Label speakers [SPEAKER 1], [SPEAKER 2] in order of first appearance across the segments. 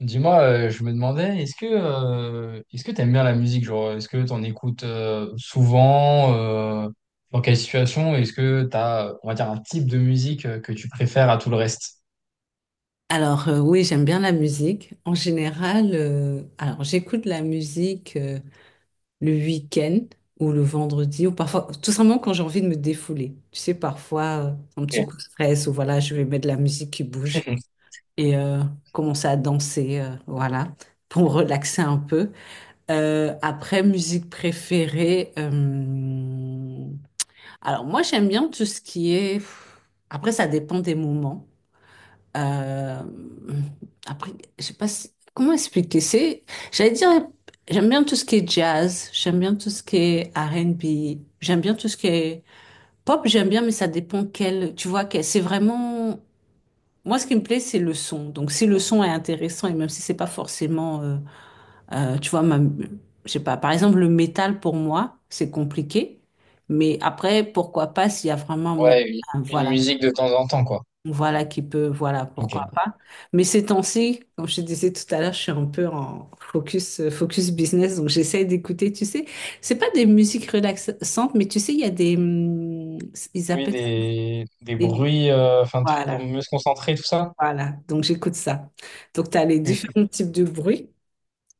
[SPEAKER 1] Dis-moi, je me demandais, est-ce que t'aimes bien la musique, genre, est-ce que t'en écoutes souvent, dans quelle situation, est-ce que t'as, on va dire, un type de musique que tu préfères à tout le reste?
[SPEAKER 2] Alors oui, j'aime bien la musique. En général, alors j'écoute la musique le week-end ou le vendredi ou parfois tout simplement quand j'ai envie de me défouler. Tu sais, parfois un petit
[SPEAKER 1] Ok.
[SPEAKER 2] coup de stress ou voilà, je vais mettre de la musique qui bouge et commencer à danser, voilà, pour me relaxer un peu. Après, musique préférée. Alors moi, j'aime bien tout ce qui est. Après, ça dépend des moments. Euh, après, je sais pas comment expliquer. C'est, j'allais dire, j'aime bien tout ce qui est jazz, j'aime bien tout ce qui est R&B, j'aime bien tout ce qui est pop, j'aime bien, mais ça dépend quel. Tu vois, quel, c'est vraiment. Moi, ce qui me plaît, c'est le son. Donc, si le son est intéressant et même si c'est pas forcément, tu vois, ma, je sais pas. Par exemple, le métal pour moi, c'est compliqué. Mais après, pourquoi pas s'il y a vraiment un mot,
[SPEAKER 1] Ouais, une, une
[SPEAKER 2] voilà,
[SPEAKER 1] musique de temps en temps, quoi.
[SPEAKER 2] voilà qui peut, voilà,
[SPEAKER 1] Ok.
[SPEAKER 2] pourquoi pas. Mais ces temps-ci, comme je te disais tout à l'heure, je suis un peu en focus, focus business, donc j'essaie d'écouter, tu sais, c'est pas des musiques relaxantes, mais tu sais, il y a des, ils
[SPEAKER 1] Oui,
[SPEAKER 2] appellent ça
[SPEAKER 1] des
[SPEAKER 2] des,
[SPEAKER 1] bruits, enfin, trucs pour
[SPEAKER 2] voilà,
[SPEAKER 1] mieux se concentrer, tout ça?
[SPEAKER 2] voilà, donc j'écoute ça. Donc tu as les différents types de bruits,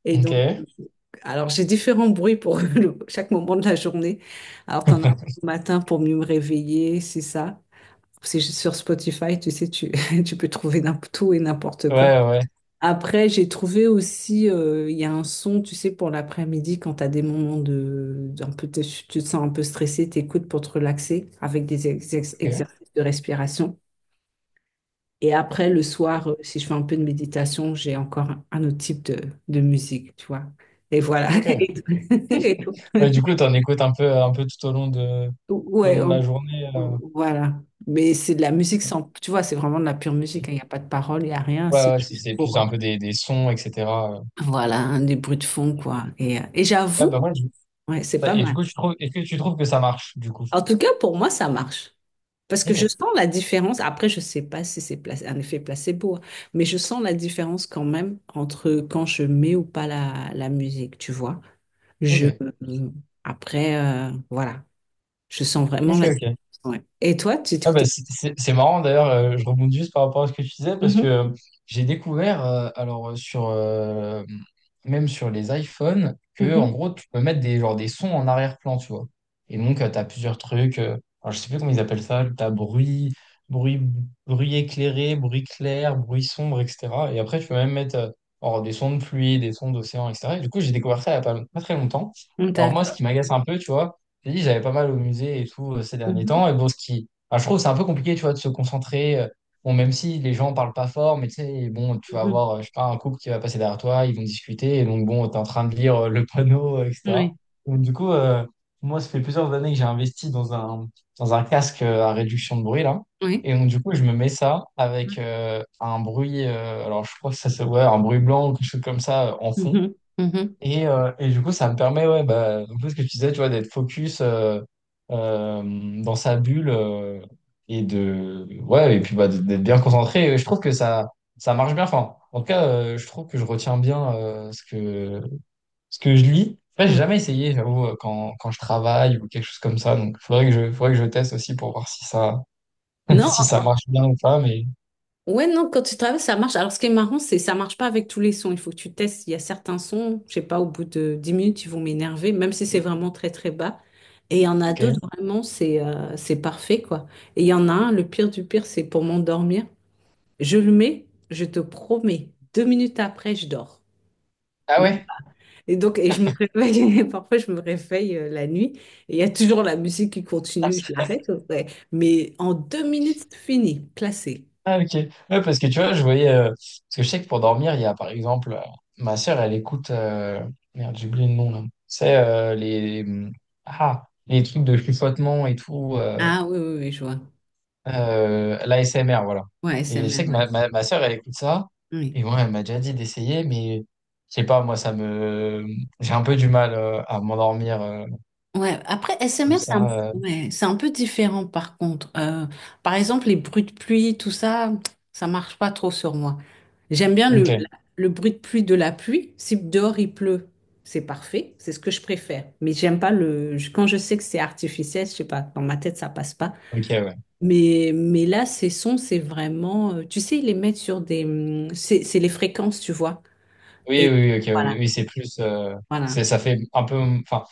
[SPEAKER 2] et
[SPEAKER 1] Ok.
[SPEAKER 2] donc,
[SPEAKER 1] Ouais,
[SPEAKER 2] alors j'ai différents bruits pour chaque moment de la journée. Alors tu en as un au matin pour mieux me réveiller, c'est ça. C'est juste sur Spotify, tu sais, tu, tu peux trouver n'importe tout et n'importe quoi.
[SPEAKER 1] ouais.
[SPEAKER 2] Après, j'ai trouvé aussi, il y a un son, tu sais, pour l'après-midi, quand tu as des moments de, un peu, tu te sens un peu stressé, t'écoutes pour te relaxer avec des
[SPEAKER 1] Ok.
[SPEAKER 2] exercices de respiration. Et après, le soir, si je fais un peu de méditation, j'ai encore un autre type de musique, tu vois. Et voilà.
[SPEAKER 1] Ok.
[SPEAKER 2] Et tout. Et tout.
[SPEAKER 1] Ouais, du coup, t'en écoutes un peu tout au long de, tout au
[SPEAKER 2] Ouais,
[SPEAKER 1] long de la journée.
[SPEAKER 2] voilà. Mais c'est de la musique sans, tu vois, c'est vraiment de la pure musique, hein. Il n'y a pas de parole, il n'y a rien.
[SPEAKER 1] Ouais,
[SPEAKER 2] C'est
[SPEAKER 1] ouais, c'est
[SPEAKER 2] juste
[SPEAKER 1] c'est
[SPEAKER 2] pour,
[SPEAKER 1] plus un peu des sons, etc. euh.
[SPEAKER 2] voilà, un des bruits de fond, quoi. Et
[SPEAKER 1] Ouais, bah,
[SPEAKER 2] j'avoue,
[SPEAKER 1] moi,
[SPEAKER 2] ouais, c'est pas
[SPEAKER 1] et du
[SPEAKER 2] mal.
[SPEAKER 1] coup, est-ce que tu trouves que ça marche, du coup?
[SPEAKER 2] En tout cas, pour moi, ça marche. Parce que
[SPEAKER 1] Ok,
[SPEAKER 2] je sens la différence. Après, je sais pas si c'est un effet placebo, hein, mais je sens la différence quand même entre quand je mets ou pas la musique, tu vois. Je,
[SPEAKER 1] ok,
[SPEAKER 2] euh, après, voilà, je sens vraiment
[SPEAKER 1] ok,
[SPEAKER 2] la différence.
[SPEAKER 1] ok.
[SPEAKER 2] Ouais. Et toi,
[SPEAKER 1] Ah bah,
[SPEAKER 2] t'es.
[SPEAKER 1] c'est marrant d'ailleurs, je rebondis juste par rapport à ce que tu disais parce que
[SPEAKER 2] Mhm,
[SPEAKER 1] j'ai découvert, alors même sur les iPhones, que en gros tu peux mettre des, genre, des sons en arrière-plan, tu vois. Et donc tu as plusieurs trucs, alors, je sais plus comment ils appellent ça, tu as bruit, bruit éclairé, bruit clair, bruit sombre, etc. Et après tu peux même mettre alors, des sons de pluie, des sons d'océan, etc. Et du coup j'ai découvert ça il n'y a pas très longtemps.
[SPEAKER 2] mhm,
[SPEAKER 1] Alors moi ce
[SPEAKER 2] d'accord.
[SPEAKER 1] qui m'agace un peu, tu vois, j'ai dit j'avais pas mal au musée et tout ces derniers
[SPEAKER 2] Mhm,
[SPEAKER 1] temps, et bon ce qui Enfin, je trouve que c'est un peu compliqué, tu vois, de se concentrer. Bon, même si les gens parlent pas fort, mais tu sais, bon, tu vas
[SPEAKER 2] mhm.
[SPEAKER 1] avoir, je sais pas, un couple qui va passer derrière toi, ils vont discuter, et donc bon, t'es en train de lire le panneau, etc.
[SPEAKER 2] Oui,
[SPEAKER 1] Donc du coup, moi, ça fait plusieurs années que j'ai investi dans un casque à réduction de bruit, là.
[SPEAKER 2] oui.
[SPEAKER 1] Et donc du coup, je me mets ça avec un bruit, alors je crois que ça se ouais, un bruit blanc ou quelque chose comme ça en fond.
[SPEAKER 2] Mhm, mhm. Mhm.
[SPEAKER 1] Et du coup, ça me permet, ouais, bah, un peu ce que tu disais, tu vois, d'être focus dans sa bulle ouais, et puis bah, d'être bien concentré. Et je trouve que ça marche bien. Enfin, en tout cas, je trouve que je retiens bien ce que je lis. Après, j'ai
[SPEAKER 2] Ouais.
[SPEAKER 1] jamais essayé, j'avoue, quand je travaille ou quelque chose comme ça. Donc, faudrait que je teste aussi pour voir si ça,
[SPEAKER 2] Non,
[SPEAKER 1] si ça marche bien ou pas. Mais,
[SPEAKER 2] ouais, non, quand tu travailles, ça marche. Alors, ce qui est marrant, c'est ça marche pas avec tous les sons. Il faut que tu testes. Il y a certains sons, je sais pas, au bout de 10 minutes, ils vont m'énerver, même si c'est vraiment très, très bas. Et il y en a d'autres,
[SPEAKER 1] ok.
[SPEAKER 2] vraiment, c'est parfait, quoi. Et il y en a un, le pire du pire, c'est pour m'endormir. Je le mets, je te promets, deux minutes après, je dors.
[SPEAKER 1] Ah
[SPEAKER 2] Même-
[SPEAKER 1] ouais?
[SPEAKER 2] Et donc, et je me réveille, parfois, je me réveille la nuit, et il y a toujours la musique qui continue, je l'arrête, ouais. Mais en deux minutes, c'est fini, classé.
[SPEAKER 1] Ah, ok. Ouais, parce que tu vois, je voyais, parce que je sais que pour dormir, il y a par exemple, ma sœur, elle écoute, merde, j'ai oublié le nom là. C'est les. Ah, les trucs de chuchotement et tout.
[SPEAKER 2] Ah oui, oui, oui, je vois.
[SPEAKER 1] L'ASMR, voilà.
[SPEAKER 2] Ouais, S
[SPEAKER 1] Et je
[SPEAKER 2] M
[SPEAKER 1] sais
[SPEAKER 2] R,
[SPEAKER 1] que
[SPEAKER 2] ouais.
[SPEAKER 1] ma sœur, elle écoute ça.
[SPEAKER 2] Oui.
[SPEAKER 1] Et moi, elle m'a déjà dit d'essayer, mais je sais pas, moi, ça me. J'ai un peu du mal à m'endormir
[SPEAKER 2] Ouais, après, S M
[SPEAKER 1] comme
[SPEAKER 2] R c'est un.
[SPEAKER 1] ça.
[SPEAKER 2] Ouais, c'est un peu différent par contre. Par exemple, les bruits de pluie, tout ça, ça marche pas trop sur moi. J'aime bien
[SPEAKER 1] Ok,
[SPEAKER 2] le bruit de pluie de la pluie. Si dehors il pleut, c'est parfait, c'est ce que je préfère. Mais j'aime pas le. Quand je sais que c'est artificiel, je sais pas, dans ma tête, ça passe pas.
[SPEAKER 1] ok, ouais.
[SPEAKER 2] Mais là, ces sons, c'est vraiment. Tu sais, ils les mettent sur des. C'est les fréquences, tu vois.
[SPEAKER 1] Oui,
[SPEAKER 2] Et
[SPEAKER 1] oui, oui, ok, oui.
[SPEAKER 2] voilà,
[SPEAKER 1] Oui, c'est plus.
[SPEAKER 2] voilà.
[SPEAKER 1] Ça fait un peu. Enfin.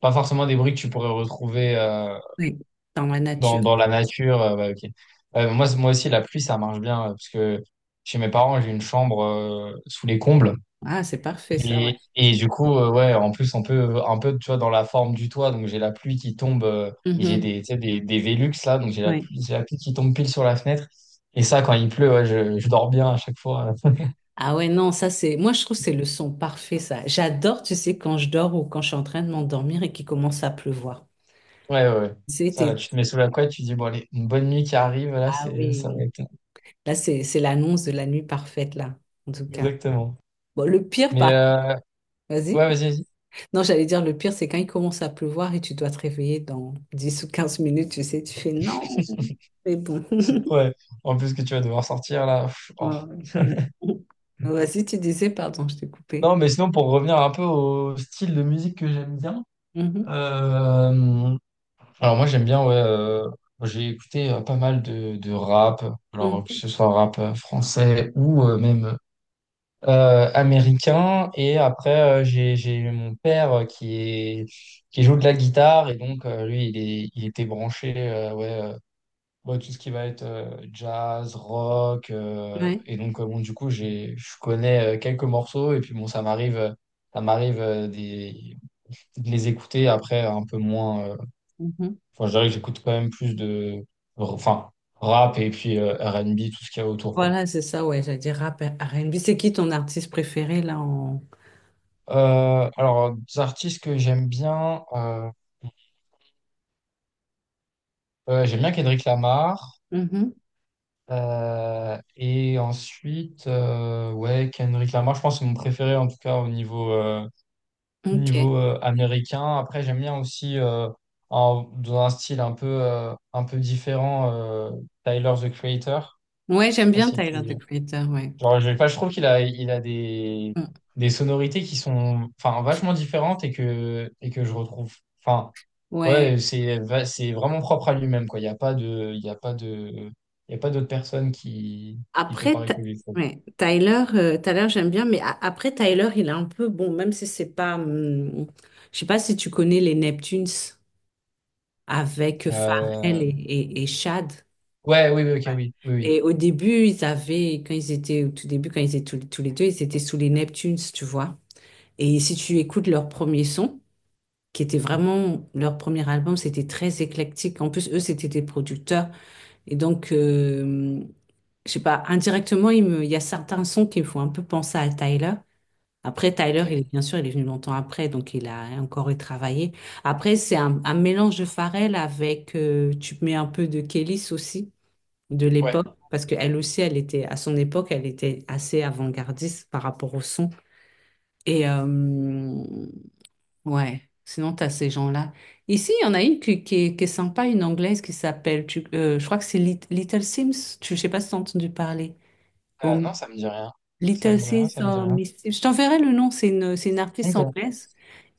[SPEAKER 1] Pas forcément des bruits que tu pourrais retrouver
[SPEAKER 2] Oui, dans la
[SPEAKER 1] dans,
[SPEAKER 2] nature.
[SPEAKER 1] dans la nature. Ouais, ok. Moi aussi, la pluie, ça marche bien, parce que chez mes parents, j'ai une chambre sous les combles.
[SPEAKER 2] Ah, c'est parfait ça, ouais.
[SPEAKER 1] Et du coup, ouais, en plus, on peut un peu, tu vois, dans la forme du toit, donc j'ai la pluie qui tombe, et j'ai
[SPEAKER 2] Mhm,
[SPEAKER 1] des, tu sais, des Velux là, donc j'ai la
[SPEAKER 2] ouais.
[SPEAKER 1] pluie, j'ai la pluie qui tombe pile sur la fenêtre. Et ça, quand il pleut, ouais, je dors bien à chaque fois.
[SPEAKER 2] Ah ouais, non, ça c'est. Moi, je trouve que c'est le son parfait, ça. J'adore, tu sais, quand je dors ou quand je suis en train de m'endormir et qu'il commence à pleuvoir.
[SPEAKER 1] Ouais, ouais. Ouais. Ça, là,
[SPEAKER 2] C'était.
[SPEAKER 1] tu te mets sous la couette, tu dis, bon, allez, une bonne nuit qui arrive, là,
[SPEAKER 2] Ah
[SPEAKER 1] ça va
[SPEAKER 2] oui,
[SPEAKER 1] être.
[SPEAKER 2] là, c'est l'annonce de la nuit parfaite, là, en tout cas.
[SPEAKER 1] Exactement.
[SPEAKER 2] Bon, le pire,
[SPEAKER 1] Mais,
[SPEAKER 2] par contre, vas-y.
[SPEAKER 1] ouais, vas-y, vas-y.
[SPEAKER 2] Non, j'allais dire, le pire, c'est quand il commence à pleuvoir et tu dois te réveiller dans 10 ou 15 minutes, tu sais, tu fais non, mais bon.
[SPEAKER 1] Ouais, en plus que tu vas devoir sortir là. Pff, oh.
[SPEAKER 2] Ouais, ouais. Vas-y, tu disais, pardon, je t'ai coupé.
[SPEAKER 1] Non, mais sinon, pour revenir un peu au style de musique que j'aime bien.
[SPEAKER 2] Mhm,
[SPEAKER 1] euh, alors, moi, j'aime bien, ouais. J'ai écouté pas mal de rap, alors que
[SPEAKER 2] mhm,
[SPEAKER 1] ce soit rap français ou même américain. Et après, j'ai eu mon père qui joue de la guitare. Et donc, lui, il était branché, ouais. Bon, tout ce qui va être jazz, rock.
[SPEAKER 2] ouais.
[SPEAKER 1] Et donc, bon, du coup, je connais quelques morceaux. Et puis, bon, ça m'arrive de les écouter après un peu moins. Enfin, je dirais que j'écoute quand même plus de, enfin, rap et puis R&B, tout ce qu'il y a autour, quoi.
[SPEAKER 2] Voilà, c'est ça, ouais, j'allais dire rap, R&B. C'est qui ton artiste préféré, là, en.
[SPEAKER 1] Alors, des artistes que j'aime bien Kendrick Lamar.
[SPEAKER 2] Mhm,
[SPEAKER 1] Et ensuite, ouais, Kendrick Lamar, je pense que c'est mon préféré en tout cas au niveau,
[SPEAKER 2] ok.
[SPEAKER 1] américain. Après, j'aime bien aussi dans un style un peu différent, Tyler, the Creator.
[SPEAKER 2] Ouais,
[SPEAKER 1] Je sais
[SPEAKER 2] j'aime
[SPEAKER 1] pas
[SPEAKER 2] bien
[SPEAKER 1] si tu...
[SPEAKER 2] Tyler, the Creator, ouais.
[SPEAKER 1] Genre, je, sais pas, je trouve qu'il a des,
[SPEAKER 2] Mm.
[SPEAKER 1] des sonorités qui sont enfin, vachement différentes et que je retrouve. Enfin,
[SPEAKER 2] Ouais.
[SPEAKER 1] ouais, c'est vraiment propre à lui-même, quoi. Il y a pas d'autres personnes qui fait
[SPEAKER 2] Après,
[SPEAKER 1] pareil
[SPEAKER 2] Ty-
[SPEAKER 1] que lui, je trouve.
[SPEAKER 2] ouais, Tyler, Tyler, j'aime bien, mais après, Tyler, il est un peu, bon, même si c'est pas. Je sais pas si tu connais les Neptunes avec Pharrell
[SPEAKER 1] Euh,
[SPEAKER 2] et Chad.
[SPEAKER 1] ouais, oui, oui,
[SPEAKER 2] Ouais.
[SPEAKER 1] ok, oui, oui, oui.
[SPEAKER 2] Et au début, ils avaient, quand ils étaient, au tout début, quand ils étaient tous les deux, ils étaient sous les Neptunes, tu vois. Et si tu écoutes leur premier son, qui était vraiment leur premier album, c'était très éclectique. En plus, eux, c'était des producteurs. Et donc, je sais pas, indirectement, il y a certains sons qui me font un peu penser à Tyler. Après, Tyler, il
[SPEAKER 1] Ok.
[SPEAKER 2] est, bien sûr, il est venu longtemps après, donc il a encore retravaillé. Après, c'est un mélange de Pharrell avec, tu mets un peu de Kélis aussi, de
[SPEAKER 1] Ouais.
[SPEAKER 2] l'époque, parce qu'elle aussi, elle était, à son époque, elle était assez avant-gardiste par rapport au son. Et, ouais, sinon tu as ces gens-là. Ici, il y en a une qui est sympa, une anglaise qui s'appelle, je crois que c'est Little Sims, tu, je sais pas si tu as entendu parler. Oh,
[SPEAKER 1] Non, ça me dit rien. Ça
[SPEAKER 2] Little
[SPEAKER 1] me dit rien,
[SPEAKER 2] Sims,
[SPEAKER 1] ça me dit
[SPEAKER 2] oh,
[SPEAKER 1] rien.
[SPEAKER 2] Miss Sims. Je t'enverrai le nom, c'est une artiste
[SPEAKER 1] Ok,
[SPEAKER 2] anglaise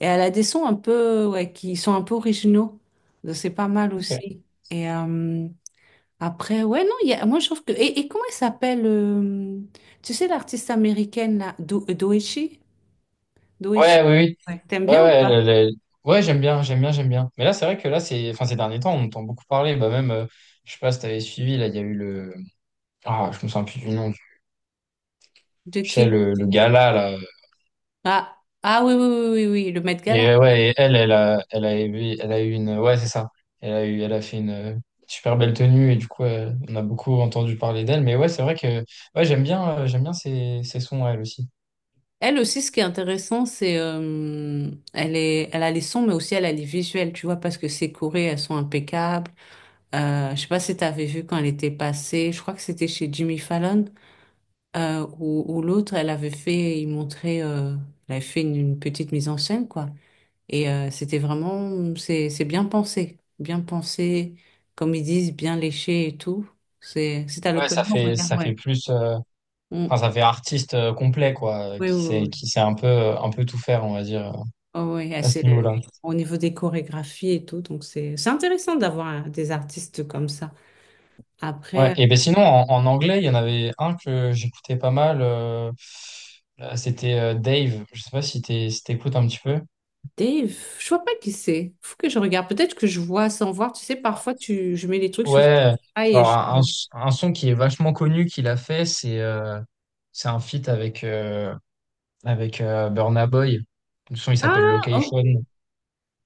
[SPEAKER 2] et elle a des sons un peu, ouais, qui sont un peu originaux. Donc, c'est pas mal
[SPEAKER 1] ok.
[SPEAKER 2] aussi. Et après, ouais, non, il y a, moi je trouve que. Et comment elle s'appelle tu sais l'artiste américaine là, Doechii? Doechii,
[SPEAKER 1] Ouais, oui, oui.
[SPEAKER 2] ouais. T'aimes
[SPEAKER 1] Ouais,
[SPEAKER 2] bien ou
[SPEAKER 1] ouais,
[SPEAKER 2] pas?
[SPEAKER 1] le- ouais, j'aime bien, j'aime bien, j'aime bien. Mais là, c'est vrai que là, enfin, ces derniers temps, on entend beaucoup parler. Bah, même, je sais pas si t'avais suivi, là, il y a eu le, ah, je me souviens plus du nom.
[SPEAKER 2] De
[SPEAKER 1] Tu sais,
[SPEAKER 2] qui?
[SPEAKER 1] le gala, là.
[SPEAKER 2] Ah, ah oui, oui, oui, oui, oui, le Met
[SPEAKER 1] Et
[SPEAKER 2] Gala.
[SPEAKER 1] ouais, et elle a eu une, ouais, c'est ça. Elle a fait une super belle tenue et du coup, on a beaucoup entendu parler d'elle. Mais ouais, c'est vrai que, ouais, j'aime bien ces sons, elle aussi.
[SPEAKER 2] Elle aussi, ce qui est intéressant, c'est elle est, elle a les sons, mais aussi elle a les visuels, tu vois, parce que ses chorés, elles sont impeccables. Je sais pas si t'avais vu quand elle était passée, je crois que c'était chez Jimmy Fallon, ou où l'autre, elle avait fait, il montrait, elle avait fait une petite mise en scène, quoi. Et c'était vraiment, c'est bien pensé, comme ils disent, bien léché et tout. C'est à
[SPEAKER 1] Ouais, ça
[SPEAKER 2] l'occasion,
[SPEAKER 1] fait,
[SPEAKER 2] regarde,
[SPEAKER 1] ça fait
[SPEAKER 2] ouais.
[SPEAKER 1] plus. Enfin,
[SPEAKER 2] Mm.
[SPEAKER 1] ça fait artiste complet, quoi,
[SPEAKER 2] Oui, oui, oui.
[SPEAKER 1] qui sait un peu tout faire, on va dire,
[SPEAKER 2] Oh oui, et
[SPEAKER 1] à ce
[SPEAKER 2] c'est
[SPEAKER 1] niveau-là.
[SPEAKER 2] au niveau des chorégraphies et tout, donc c'est intéressant d'avoir des artistes comme ça.
[SPEAKER 1] Ouais,
[SPEAKER 2] Après,
[SPEAKER 1] et ben sinon, en anglais, il y en avait un que j'écoutais pas mal. C'était Dave. Je sais pas si t'écoutes un petit peu.
[SPEAKER 2] Dave, je vois pas qui c'est. Faut que je regarde. Peut-être que je vois sans voir. Tu sais, parfois tu, je mets les trucs sur
[SPEAKER 1] Ouais,
[SPEAKER 2] Spotify et
[SPEAKER 1] alors
[SPEAKER 2] je.
[SPEAKER 1] un son qui est vachement connu qu'il a fait, c'est un feat avec Burna Boy. Le son, il s'appelle
[SPEAKER 2] Ah, oh.
[SPEAKER 1] Location.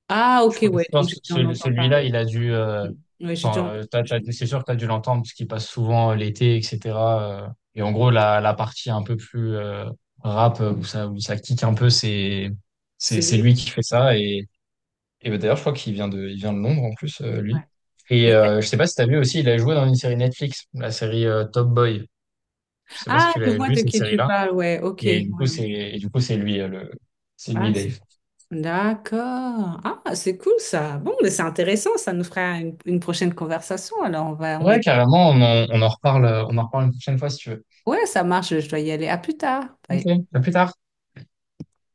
[SPEAKER 2] Ah,
[SPEAKER 1] Je,
[SPEAKER 2] ok,
[SPEAKER 1] je
[SPEAKER 2] ouais. Donc
[SPEAKER 1] pense
[SPEAKER 2] j'ai
[SPEAKER 1] que
[SPEAKER 2] dû en entendre
[SPEAKER 1] celui-là,
[SPEAKER 2] parler.
[SPEAKER 1] il a dû,
[SPEAKER 2] Mm. Ouais, j'ai dû
[SPEAKER 1] enfin,
[SPEAKER 2] en- je-
[SPEAKER 1] c'est sûr que tu as dû l'entendre parce qu'il passe souvent l'été, etc. euh. Et en gros, la partie un peu plus rap où ça kick un peu, c'est,
[SPEAKER 2] c'est
[SPEAKER 1] c'est, c'est
[SPEAKER 2] lui.
[SPEAKER 1] lui qui fait ça. Et bah, d'ailleurs, je crois qu'il vient de Londres en plus, lui.
[SPEAKER 2] Ouais.
[SPEAKER 1] Et
[SPEAKER 2] Et-
[SPEAKER 1] je sais pas si tu as vu aussi, il a joué dans une série Netflix, la série Top Boy. Je sais pas si
[SPEAKER 2] Ah,
[SPEAKER 1] tu
[SPEAKER 2] je
[SPEAKER 1] l'as
[SPEAKER 2] vois
[SPEAKER 1] vu,
[SPEAKER 2] de
[SPEAKER 1] cette
[SPEAKER 2] qui tu
[SPEAKER 1] série-là.
[SPEAKER 2] parles. Ouais, ok.
[SPEAKER 1] Et
[SPEAKER 2] Ouais,
[SPEAKER 1] du coup,
[SPEAKER 2] ouais.
[SPEAKER 1] c'est
[SPEAKER 2] Ah,
[SPEAKER 1] lui, Dave.
[SPEAKER 2] d'accord. Ah, c'est cool ça. Bon, mais c'est intéressant. Ça nous fera une prochaine conversation. Alors on va
[SPEAKER 1] Ouais, carrément, on en reparle une prochaine fois si tu veux.
[SPEAKER 2] ouais, ça marche, je dois y aller. À plus tard.
[SPEAKER 1] Ok,
[SPEAKER 2] Bye.
[SPEAKER 1] à plus tard.